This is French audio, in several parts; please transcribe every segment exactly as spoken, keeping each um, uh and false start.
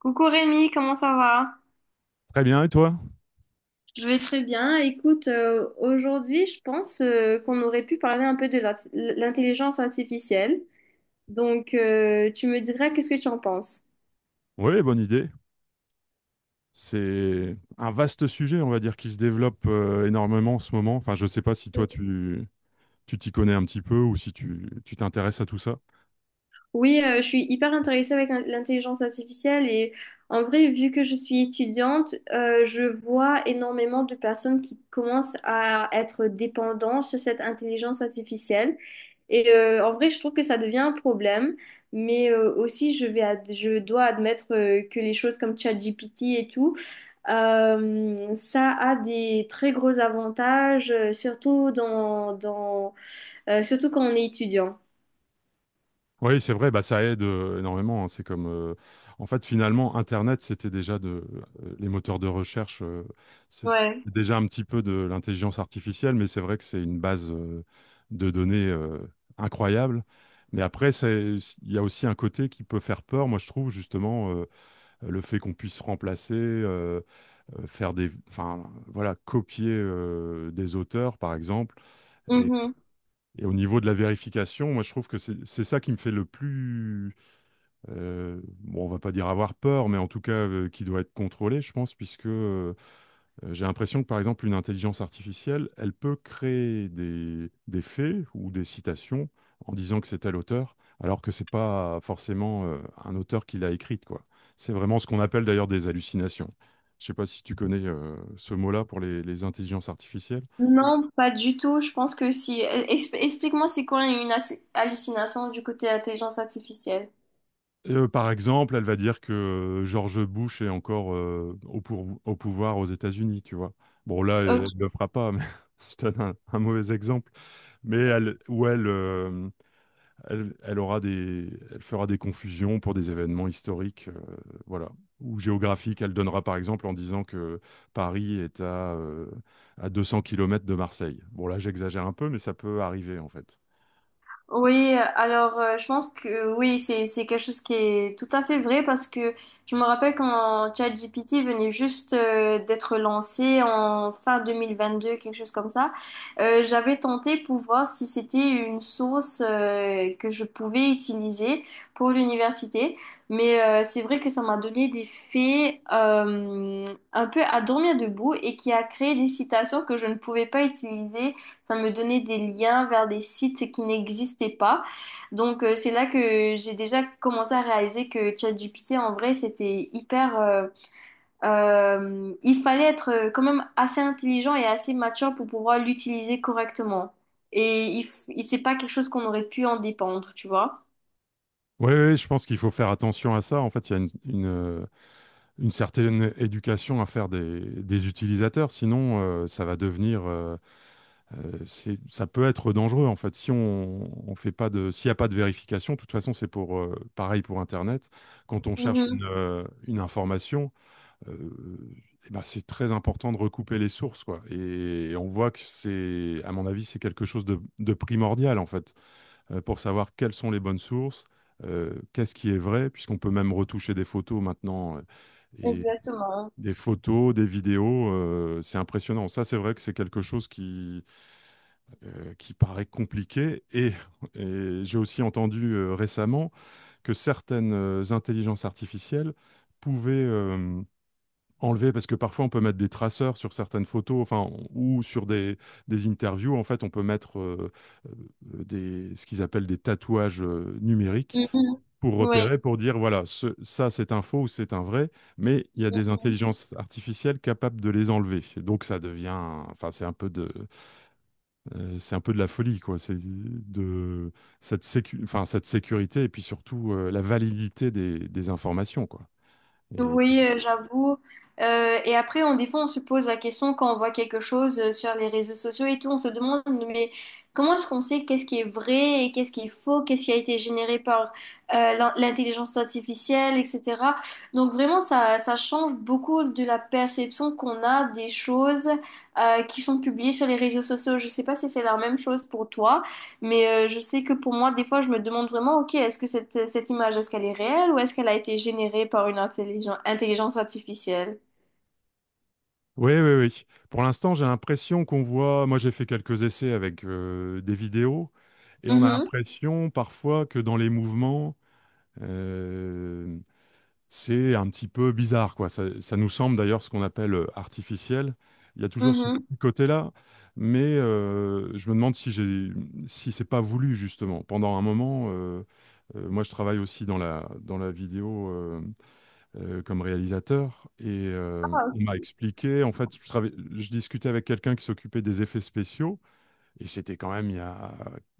Coucou Rémi, comment ça va? Très bien, et toi? Je vais très bien. Écoute, euh, aujourd'hui, je pense euh, qu'on aurait pu parler un peu de l'art- l'intelligence artificielle. Donc, euh, tu me diras qu'est-ce que tu en penses? Oui, bonne idée. C'est un vaste sujet, on va dire, qui se développe euh, énormément en ce moment. Enfin, je ne sais pas si toi, tu tu t'y connais un petit peu ou si tu tu t'intéresses à tout ça. Oui, euh, je suis hyper intéressée avec l'in- l'intelligence artificielle et en vrai, vu que je suis étudiante, euh, je vois énormément de personnes qui commencent à être dépendantes sur cette intelligence artificielle. Et euh, en vrai, je trouve que ça devient un problème, mais euh, aussi je vais ad- je dois admettre euh, que les choses comme ChatGPT et tout, euh, ça a des très gros avantages, euh, surtout dans, dans, euh, surtout quand on est étudiant. Oui, c'est vrai, bah, ça aide euh, énormément, hein. C'est comme, euh, en fait, finalement, Internet, c'était déjà de, euh, les moteurs de recherche, euh, c'est Ouais. déjà un petit peu de l'intelligence artificielle, mais c'est vrai que c'est une base euh, de données euh, incroyable. Mais après, c'est- il y a aussi un côté qui peut faire peur, moi je trouve, justement, euh, le fait qu'on puisse remplacer, euh, euh, faire des, enfin, voilà, copier euh, des auteurs, par exemple. Et, et au niveau de la vérification, moi je trouve que c'est c'est ça qui me fait le plus euh, bon, on va pas dire avoir peur, mais en tout cas euh, qui doit être contrôlé, je pense, puisque euh, euh, j'ai l'impression que par exemple une intelligence artificielle, elle peut créer des, des faits ou des citations en disant que c'est tel auteur, alors que c'est pas forcément euh, un auteur qui l'a écrite, quoi. C'est vraiment ce qu'on appelle d'ailleurs des hallucinations. Je sais pas si tu connais euh, ce mot-là pour les, les intelligences artificielles. Non, pas du tout. Je pense que si. Ex- Explique-moi, c'est quoi une as- hallucination du côté intelligence artificielle? Heu, par exemple, elle va dire que euh, George Bush est encore, heu, au pour au pouvoir aux États-Unis, tu vois? Bon là, elle Ok. ne le fera pas, mais je donne un un mauvais exemple, mais elle ou elle, hem, elle elle aura des elle fera des confusions pour des événements historiques, heu, voilà, ou géographiques. Elle donnera par exemple en disant que Paris est à, heu, à deux cents kilomètres de Marseille. Bon là, j'exagère un peu, mais ça peut arriver en fait. Oui, alors euh, je pense que oui, c'est c'est quelque chose qui est tout à fait vrai parce que je me rappelle quand ChatGPT venait juste euh, d'être lancé en fin deux mille vingt-deux, quelque chose comme ça, euh, j'avais tenté pour voir si c'était une source euh, que je pouvais utiliser pour l'université, mais euh, c'est vrai que ça m'a donné des faits euh, un peu à dormir debout et qui a créé des citations que je ne pouvais pas utiliser. Ça me donnait des liens vers des sites qui n'existaient pas. Donc, euh, c'est là que j'ai déjà commencé à réaliser que ChatGPT, en vrai, c'était hyper... euh, euh, il fallait être euh, quand même assez intelligent et assez mature pour pouvoir l'utiliser correctement. Et il, f- il- c'est pas quelque chose qu'on aurait pu en dépendre, tu vois? Oui, je pense qu'il faut faire attention à ça. En fait, il y a une une, heu une certaine éducation à faire des, des utilisateurs, sinon euh, ça va devenir, euh, euh, c'est- ça peut être dangereux en fait. Si on, on fait pas de, s'il n'y a pas de vérification, de toute façon c'est pour euh, pareil pour Internet. Quand on cherche Mhm, une, euh, une information, euh, eh ben, c'est très important de recouper les sources, quoi. Et on voit que c'est, à mon avis, c'est quelque chose de, de primordial en fait, euh, pour savoir quelles sont les bonnes sources, euh, qu'est-ce qui est vrai, puisqu'on peut même retoucher des photos maintenant, euh, et exactement. des photos, des vidéos, euh, c'est impressionnant. Ça, c'est vrai que c'est quelque chose qui, euh, qui paraît compliqué. Et, et j'ai aussi entendu euh, récemment que certaines euh, intelligences artificielles pouvaient euh, enlever, parce que parfois on peut mettre des traceurs sur certaines photos, enfin, ou sur des, des interviews. En fait, on peut mettre euh, euh, des, ce qu'ils appellent des tatouages euh, numériques Mhm. pour Oui. repérer, pour dire, voilà, ce- ça c'est un faux ou c'est un vrai, mais il y a des intelligences artificielles capables de les enlever. Et donc ça devient, enfin c'est un peu de, euh, c'est un peu de la folie, quoi. C'est de cette sécu- enfin cette sécurité et puis surtout euh, la validité des, des informations, quoi. Et... Oui, euh, j'avoue. Euh, et après, on, des fois, on se pose la question quand on voit quelque chose euh, sur les réseaux sociaux et tout, on se demande, mais comment est-ce qu'on sait qu'est-ce qui est vrai et qu'est-ce qui est faux, qu'est-ce qui a été généré par euh, l'in- l'intelligence artificielle, et cetera. Donc vraiment, ça, ça change beaucoup de la perception qu'on a des choses euh, qui sont publiées sur les réseaux sociaux. Je sais pas si c'est la même chose pour toi. Mais euh, je sais que pour moi, des fois, je me demande vraiment, ok, est-ce que cette, cette image, est-ce qu'elle est réelle ou est-ce qu'elle a été générée par une intelligen- intelligence artificielle? Oui, oui, oui. Pour l'instant, j'ai l'impression qu'on voit, moi j'ai fait quelques essais avec euh, des vidéos, et on a Mhm, l'impression parfois que dans les mouvements, euh, c'est un petit peu bizarre, quoi. Ça, ça nous semble d'ailleurs ce qu'on appelle euh, artificiel. Il y a toujours ce mhm. petit côté-là, mais euh, je me demande si j'ai, si c'est pas voulu justement. Pendant un moment, euh, euh, moi je travaille aussi dans la dans la vidéo euh, euh, comme réalisateur, et euh, Ah. on m'a expliqué. En fait, je travaillais- je discutais avec quelqu'un qui s'occupait des effets spéciaux, et c'était quand même il y a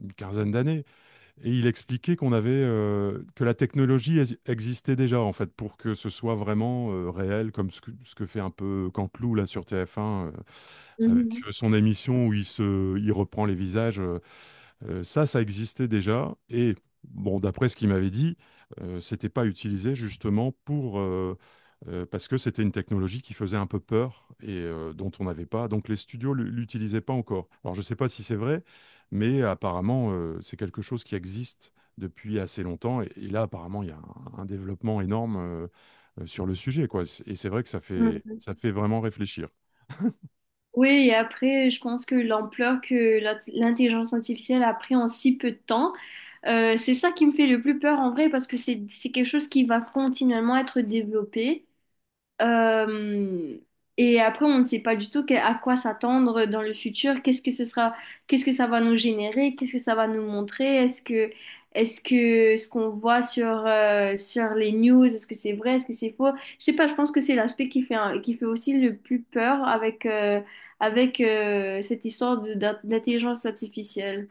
une quinzaine d'années. Et il expliquait qu'on avait, euh, que la technologie ex- existait déjà en fait pour que ce soit vraiment euh, réel, comme ce que, ce que fait un peu Canteloup là sur TF un, euh, avec euh, son émission où il se il reprend les visages. Euh, euh, ça, ça existait déjà. Et bon, d'après ce qu'il m'avait dit, euh, c'était pas utilisé justement pour, euh, euh, parce que c'était une technologie qui faisait un peu peur et euh, dont on n'avait pas. Donc les studios l- l'utilisaient pas encore. Alors je sais pas si c'est vrai, mais apparemment euh, c'est quelque chose qui existe depuis assez longtemps. Et, et là, apparemment, il y a un, un développement énorme euh, euh, sur le sujet, quoi. C- Et c'est vrai que ça fait, Mm. ça fait vraiment réfléchir. Oui, et après, je pense que l'ampleur que l'int- l'intelligence artificielle a pris en si peu de temps, euh, c'est ça qui me fait le plus peur en vrai, parce que c'est c'est quelque chose qui va continuellement être développé. Euh, et après, on ne sait pas du tout que- à quoi s'attendre dans le futur. Qu'est-ce que ce sera, qu'est-ce que ça va nous générer, qu'est-ce que ça va nous montrer. Est-ce que, est-ce que ce qu'on voit sur, euh, sur les news, est-ce que c'est vrai, est-ce que c'est faux? Je sais pas. Je pense que c'est l'aspect qui fait, un- qui fait aussi le plus peur avec, euh, avec euh, cette histoire de- d'in- d'intelligence artificielle.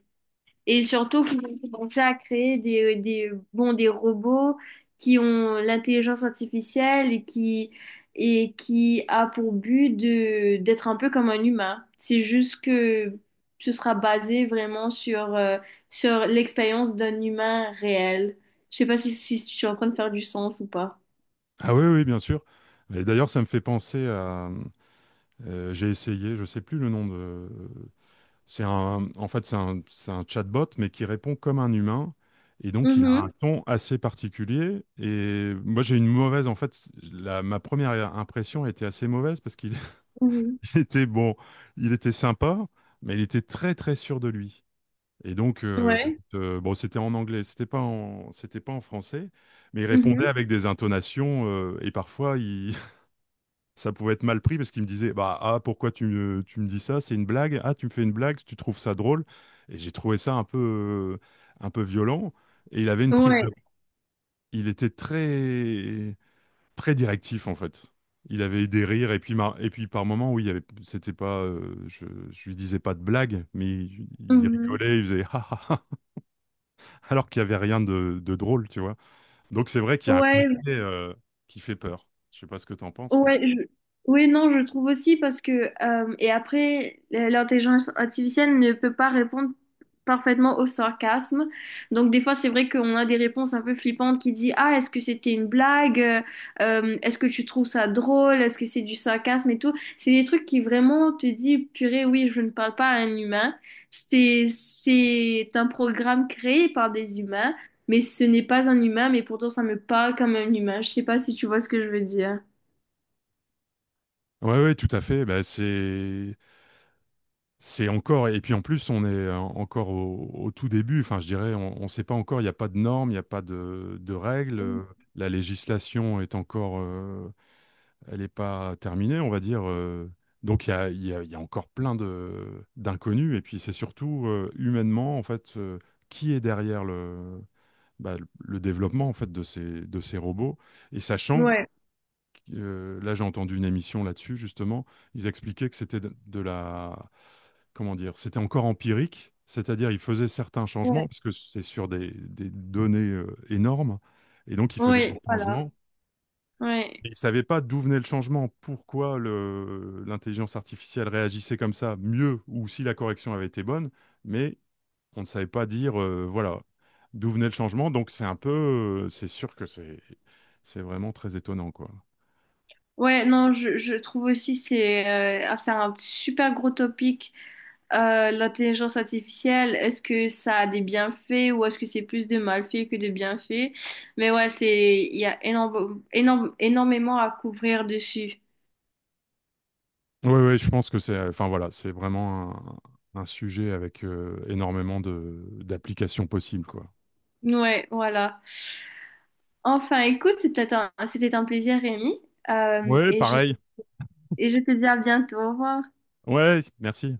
Et surtout qu'ils ont commencé à créer des, euh, des, bon, des robots qui ont l'intelligence artificielle et qui, et qui a pour but de, d'être un peu comme un humain. C'est juste que ce sera basé vraiment sur, euh, sur l'expérience d'un humain réel. Je sais pas si, si je suis en train de faire du sens ou pas. Ah oui, oui, bien sûr. Et d'ailleurs, ça me fait penser à... Euh, j'ai essayé, je sais plus le nom de. C'est un, en fait, c'est un, c'est un chatbot, mais qui répond comme un humain. Et donc, il a un Mhm, ton assez particulier. Et moi, j'ai une mauvaise, en fait, la, ma première impression était assez mauvaise, parce qu'il mhm. il était bon, il était sympa, mais il était très, très sûr de lui. Et donc, euh, Ouais. euh, bon, c'était en anglais, c'était pas en, c'était pas en français, mais il répondait Mhm. avec des intonations, euh, et parfois, il, ça pouvait être mal pris, parce qu'il me disait, bah, ah, pourquoi tu me, tu me dis ça, c'est une blague, ah, tu me fais une blague, tu trouves ça drôle. Et j'ai trouvé ça un peu un peu violent, et il avait une prise Ouais. de il était très très directif en fait. Il avait eu des rires, et puis mar- et puis par moments, oui, il y avait, c'était pas, euh, je, je lui disais pas de blague, mais il, il Mhm. rigolait, il faisait ah, ah, ah alors qu'il y avait rien de, de drôle, tu vois. Donc c'est vrai qu'il y a un côté Ouais. euh, qui fait peur, je sais pas ce que tu en penses, mais... Ouais, je... Oui, non, je trouve aussi parce que, euh, et après, l'intelligence artificielle ne peut pas répondre parfaitement au sarcasme. Donc, des fois, c'est vrai qu'on a des réponses un peu flippantes qui disent, ah, est-ce que c'était une blague? Euh, est-ce que tu trouves ça drôle? Est-ce que c'est du sarcasme et tout? C'est des trucs qui vraiment te dit, purée, oui, je ne parle pas à un humain. C'est, c'est un programme créé par des humains, mais ce n'est pas un humain, mais pourtant, ça me parle comme un humain. Je sais pas si tu vois ce que je veux dire. Ouais, ouais, tout à fait. Bah, c'est C'est encore, et puis en plus, on est euh, encore au, au tout début. Enfin, je dirais, on ne sait pas encore, il n'y a pas de normes, il n'y a pas de, de règles. Euh, La législation est encore, euh, elle n'est pas terminée, on va dire. euh. Donc, il y a, il y a- il y a encore plein de, d'inconnus. Et puis, c'est surtout euh, humainement, en fait, euh, qui est derrière le, bah, le le développement, en fait, de ces, de ces robots. Et sachant, Ouais, euh, là, j'ai entendu une émission là-dessus, justement. Ils expliquaient que c'était de, de la... Comment dire? C'était encore empirique, c'est-à-dire ils faisaient certains ouais, changements, parce que c'est sur des, des données euh, énormes, et donc ils faisaient des oui, voilà, changements. ouais, Et ils ne savaient pas d'où venait le changement, pourquoi le- l'intelligence artificielle réagissait comme ça, mieux, ou si la correction avait été bonne, mais on ne savait pas dire, euh, voilà, d'où venait le changement. Donc c'est un peu, euh, c'est sûr que c'est c'est vraiment très étonnant, quoi. ouais, non, je, je trouve aussi c'est euh, ah, c'est un super gros topic euh, l'intelligence artificielle. Est-ce que ça a des bienfaits ou est-ce que c'est plus de malfaits que de bienfaits? Mais ouais, c'est il y a énorme, énorme, énormément à couvrir dessus. Oui, oui, je pense que c'est, euh, enfin voilà, c'est vraiment un, un sujet avec euh, énormément de d'applications possibles, quoi. Ouais, voilà. Enfin, écoute, c'était un, c'était un plaisir, Rémi. Euh, Oui, et je te- pareil. et je te dis à bientôt. Au revoir. Ouais, merci.